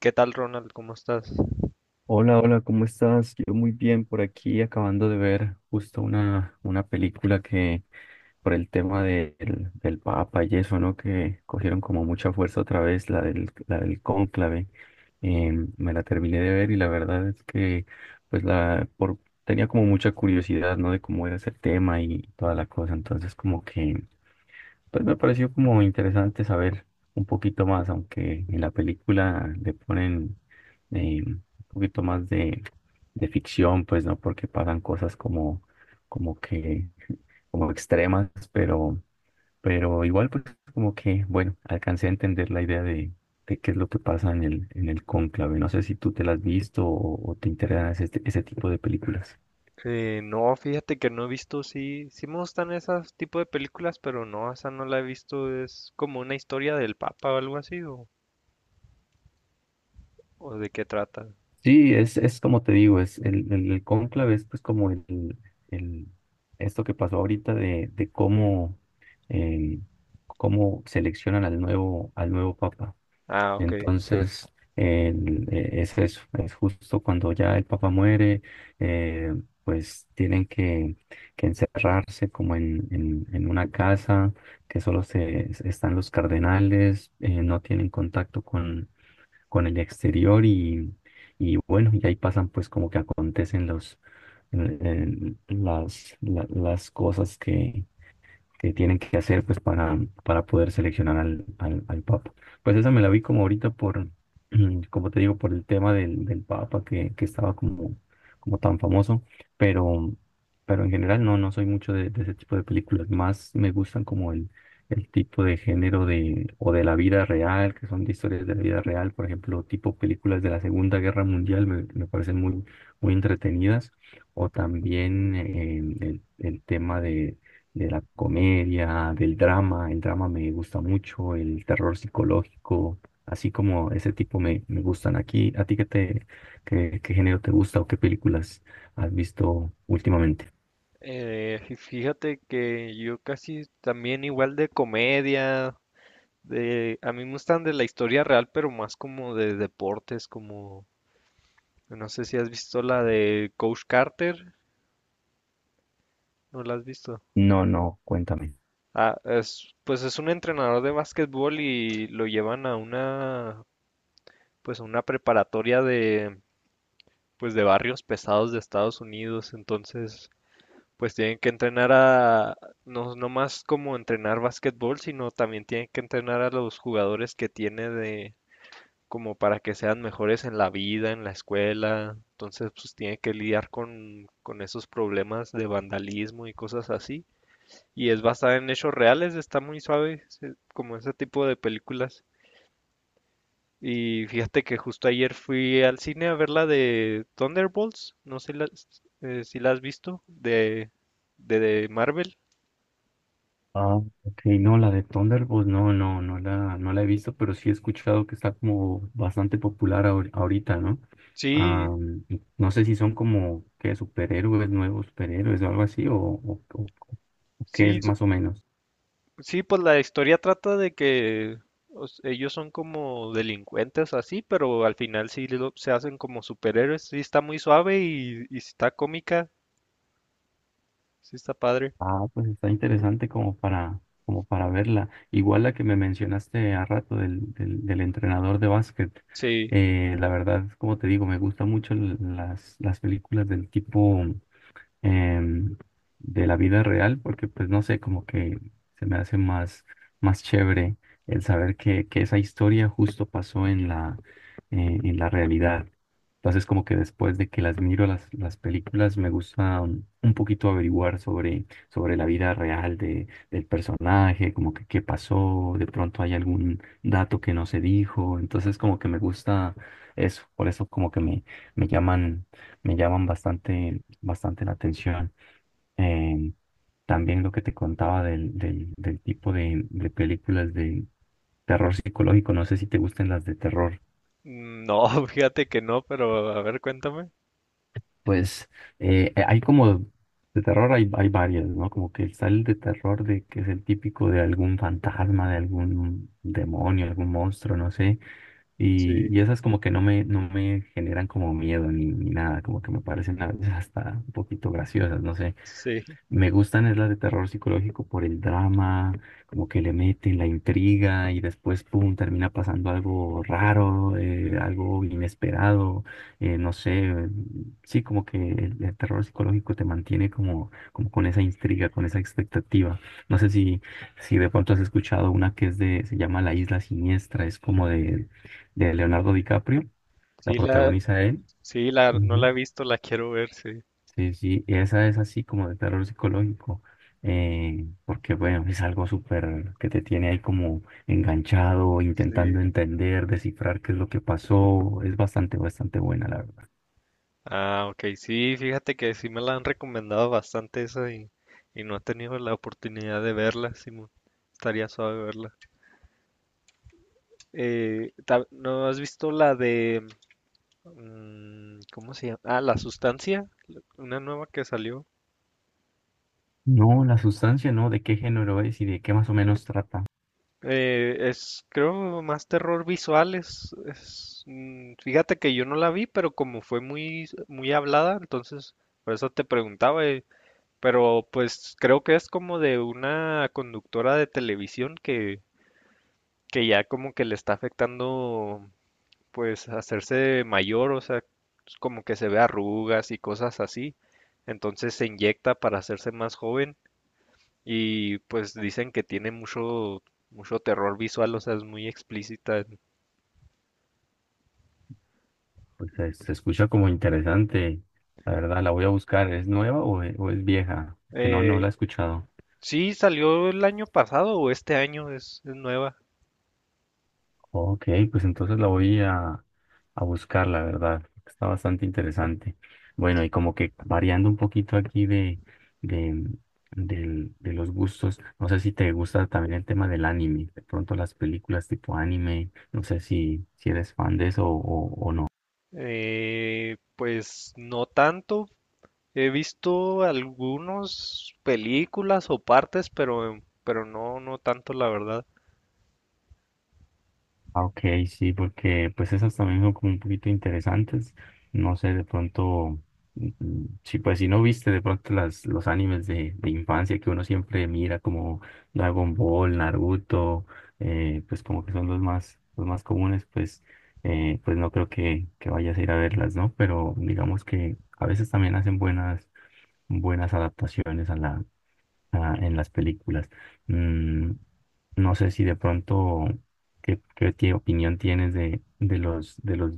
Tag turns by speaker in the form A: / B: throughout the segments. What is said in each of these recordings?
A: ¿Qué tal, Ronald? ¿Cómo estás?
B: Hola, hola, ¿cómo estás? Yo muy bien por aquí, acabando de ver justo una película que por el tema del Papa y eso, ¿no? Que cogieron como mucha fuerza otra vez, la del cónclave. Eh, Me la terminé de ver y la verdad es que pues la por, tenía como mucha curiosidad, ¿no? De cómo era ese tema y toda la cosa. Entonces como que pues me pareció como interesante saber un poquito más, aunque en la película le ponen un poquito más de ficción, pues no, porque pasan cosas como, como que, como extremas, pero igual pues como que, bueno, alcancé a entender la idea de qué es lo que pasa en el cónclave. No sé si tú te la has visto o te interesan ese, ese tipo de películas.
A: No, fíjate que no he visto, sí, sí me gustan esas tipo de películas, pero no, esa no la he visto. Es como una historia del Papa o algo así, o de qué trata.
B: Sí, es como te digo, es el cónclave es pues como el, el- esto que pasó ahorita de cómo, eh, cómo seleccionan al nuevo papa.
A: Ah, ok.
B: Entonces, es eso, es justo cuando ya el papa muere, eh, pues tienen que encerrarse como en, en una casa que solo se, están los cardenales, no tienen contacto con el exterior y bueno, y ahí pasan pues como que acontecen los, las cosas que tienen que hacer pues para poder seleccionar al, al, al Papa. Pues esa me la vi como ahorita por, como te digo, por el tema del, del Papa que estaba como, como tan famoso, pero, pero en general no, no soy mucho de ese tipo de películas, más me gustan como el tipo de género de, o de la vida real, que son de historias de la vida real, por ejemplo, tipo películas de la Segunda Guerra Mundial me, me parecen muy, muy entretenidas, o también el tema de la comedia, del drama. El drama me gusta mucho, el terror psicológico, así como ese tipo me, me gustan aquí. ¿A ti qué te, qué, qué género te gusta o qué películas has visto últimamente?
A: Fíjate que yo casi también igual de comedia, de, a mí me gustan de la historia real, pero más como de deportes, como, no sé si has visto la de Coach Carter, ¿no la has visto?
B: No, no, cuéntame.
A: Ah, es, pues es un entrenador de básquetbol y lo llevan a una, pues a una preparatoria de, pues de barrios pesados de Estados Unidos. Entonces, pues tienen que entrenar a, no, no más como entrenar básquetbol, sino también tienen que entrenar a los jugadores que tiene de, como para que sean mejores en la vida, en la escuela. Entonces, pues tiene que lidiar con esos problemas de vandalismo y cosas así y es basada en hechos reales, está muy suave, se- como ese tipo de películas. Y fíjate que justo ayer fui al cine a ver la de Thunderbolts, no sé si si la has visto, de Marvel.
B: Ah, ok, no, la de Thunderbolts, no, no, no la, no la he visto, pero sí he escuchado que está como bastante popular ahorita, ¿no? Ah,
A: Sí,
B: y no sé si son como que superhéroes, nuevos superhéroes o algo así, o, o qué
A: sí,
B: es más o menos.
A: sí, pues la historia trata de que o s- ellos son como delincuentes así, pero al final se hacen como superhéroes. Sí está muy suave y sí está cómica, sí está padre.
B: Ah, pues está interesante como para, como para verla. Igual la que me mencionaste a rato del, del, del entrenador de básquet.
A: Sí.
B: La verdad, como te digo, me gustan mucho las películas del tipo em, de la vida real, porque pues no sé, como que se me hace más, más chévere el saber que esa historia justo pasó en la realidad. Entonces como que después de que las miro las películas, me gusta un poquito averiguar sobre, sobre la vida real de, del personaje, como que qué pasó, de pronto hay algún dato que no se dijo, entonces como que me gusta eso, por eso como que me, me llaman, me llaman bastante bastante la atención. Eh, También lo que te contaba del, del, del tipo de películas de terror psicológico, no sé si te gusten las de terror.
A: No, fíjate que no, pero a ver, cuéntame.
B: Pues hay como de terror, hay varias, ¿no? Como que está el de terror de que es el típico de algún fantasma, de algún demonio, algún monstruo, no sé.
A: Sí,
B: Y esas como que no me, no me generan como miedo ni, ni nada, como que me parecen a veces hasta un poquito graciosas, no sé.
A: sí,
B: Me gustan es las de terror psicológico por el drama, como que le meten la intriga y después, pum, termina pasando algo raro, algo inesperado, no sé, sí, como que el terror psicológico te mantiene como, como con esa intriga, con esa expectativa. No sé si, si de pronto has escuchado una que es de, se llama La Isla Siniestra, es como de Leonardo DiCaprio, la
A: sí la,
B: protagoniza él.
A: sí la, no
B: Ujú.
A: la he visto, la quiero ver, sí,
B: Sí, sí, y esa es así como de terror psicológico, porque bueno, es algo súper que te tiene ahí como enganchado, intentando
A: sí.
B: entender, descifrar qué es lo que pasó, es bastante, bastante buena, la verdad.
A: Ah, ok, sí, fíjate que sí me la han recomendado bastante esa y no he tenido la oportunidad de verla, Simón. Estaría suave verla. ¿No has visto la de, cómo se llama? Ah, La Sustancia, una nueva que salió.
B: No, la sustancia, ¿no? ¿De qué género es y de qué más o menos trata?
A: Es, creo, más terror visual. Es, fíjate que yo no la vi, pero como fue muy, muy hablada, entonces por eso te preguntaba. Pero pues creo que es como de una conductora de televisión que ya como que le está afectando, pues, hacerse mayor, o sea, pues, como que se ve arrugas y cosas así. Entonces se inyecta para hacerse más joven y pues dicen que tiene mucho, mucho terror visual, o sea, es muy explícita.
B: Pues se escucha como interesante, la verdad, la voy a buscar, ¿es nueva o, o es vieja? Que no, no la
A: Eh,
B: he escuchado.
A: sí, salió el año pasado o este año, es nueva.
B: Ok, pues entonces la voy a buscar, la verdad. Está bastante interesante. Bueno, y como que variando un poquito aquí de, de los gustos, no sé si te gusta también el tema del anime, de pronto las películas tipo anime, no sé si, si eres fan de eso o no.
A: Pues no tanto. He visto algunas películas o partes, pero no, no tanto, la verdad.
B: Ah, ok, sí, porque pues esas también son como un poquito interesantes. No sé, de pronto, sí, pues si no viste de pronto las, los animes de infancia que uno siempre mira como Dragon Ball, Naruto, pues como que son los más comunes, pues, pues no creo que vayas a ir a verlas, ¿no? Pero digamos que a veces también hacen buenas, buenas adaptaciones ah, en las películas. Mm, no sé si de pronto, ¿qué, qué opinión tienes de los, de los,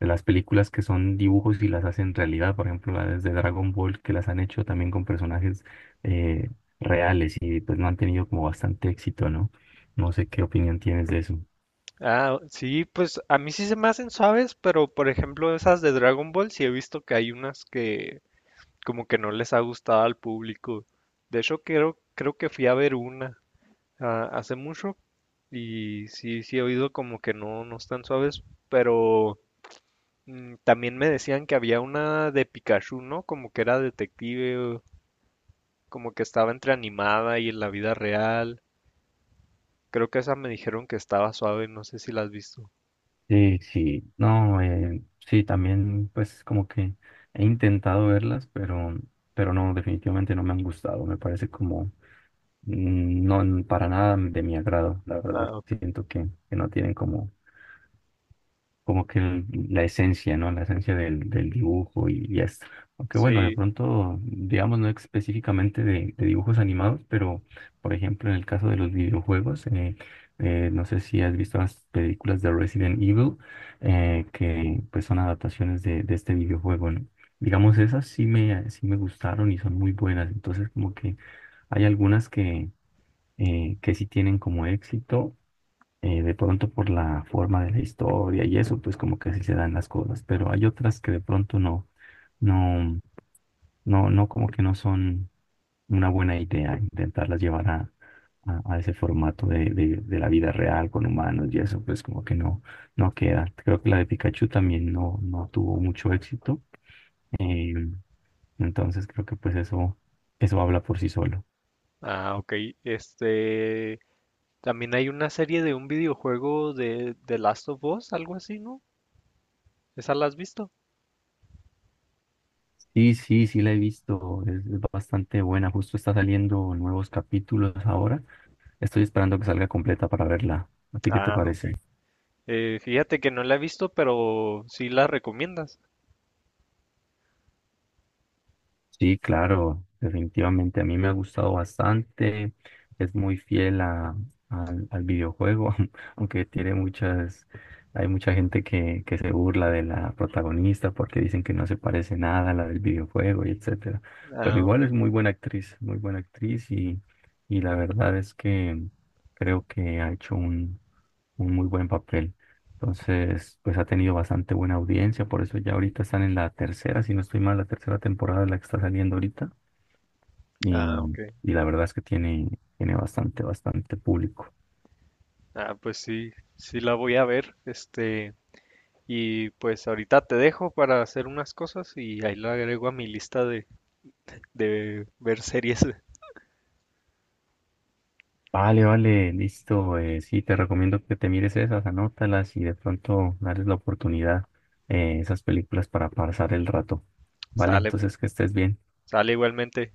B: de las películas que son dibujos y las hacen realidad? Por ejemplo, las de Dragon Ball, que las han hecho también con personajes eh, reales y pues no han tenido como bastante éxito, ¿no? No sé qué opinión tienes de eso.
A: Ah, sí, pues a mí sí se me hacen suaves, pero por ejemplo esas de Dragon Ball, sí he visto que hay como que no les ha gustado al público. De hecho, creo, creo que fui a ver una ah, hace mucho y sí, sí he oído como que no, no están suaves, pero también me decían que había una de Pikachu, ¿no? Como que era detective, o como que estaba entre animada y en la vida real. Creo que esa me dijeron que estaba suave, no sé si la has visto.
B: Sí, sí, no, sí, también pues como que he intentado verlas, pero no, definitivamente no me han gustado, me parece como no para nada de mi agrado, la verdad.
A: Ah, ok.
B: Siento que no tienen como, como que la esencia, ¿no? La esencia del, del dibujo y esto. Aunque bueno, de
A: Sí.
B: pronto, digamos, no específicamente de dibujos animados, pero por ejemplo, en el caso de los videojuegos, no sé si has visto las películas de Resident Evil, que pues son adaptaciones de este videojuego, ¿no? Digamos, esas sí me gustaron y son muy buenas. Entonces, como que... Hay algunas que sí tienen como éxito, de pronto por la forma de la historia y eso, pues como que así se dan las cosas, pero hay otras que de pronto no, no, no, no como que no son una buena idea intentarlas llevar a ese formato de la vida real con humanos y eso, pues como que no, no queda. Creo que la de Pikachu también no, no tuvo mucho éxito, eh, entonces creo que pues eso habla por sí solo.
A: Ah, ok. Este, también hay una serie de un videojuego de The Last of Us, algo así, ¿no? ¿Esa la has visto?
B: Sí, sí, sí la he visto, es bastante buena, justo está saliendo nuevos capítulos ahora, estoy esperando que salga completa para verla. ¿A ti qué te
A: Ah, ok.
B: parece?
A: Fíjate que no la he visto, pero sí la recomiendas.
B: Sí, claro, definitivamente a mí me ha gustado bastante, es muy fiel a, al, al videojuego, aunque tiene muchas, hay mucha gente que se burla de la protagonista porque dicen que no se parece nada a la del videojuego y etcétera, pero
A: Ah, ok.
B: igual es muy buena actriz y la verdad es que creo que ha hecho un muy buen papel. Entonces, pues ha tenido bastante buena audiencia, por eso ya ahorita están en la tercera, si no estoy mal, la tercera temporada de la que está saliendo ahorita.
A: Ah, ok.
B: Y la verdad es que tiene, tiene bastante, bastante público.
A: Ah, pues sí, sí la voy a ver. Este, y pues ahorita te dejo para hacer unas cosas y ahí la agrego a mi lista de ver series.
B: Vale, vale, listo. Sí, te recomiendo que te mires esas, anótalas y de pronto darles la oportunidad esas películas para pasar el rato. Vale,
A: Sale,
B: entonces que estés bien.
A: sale igualmente.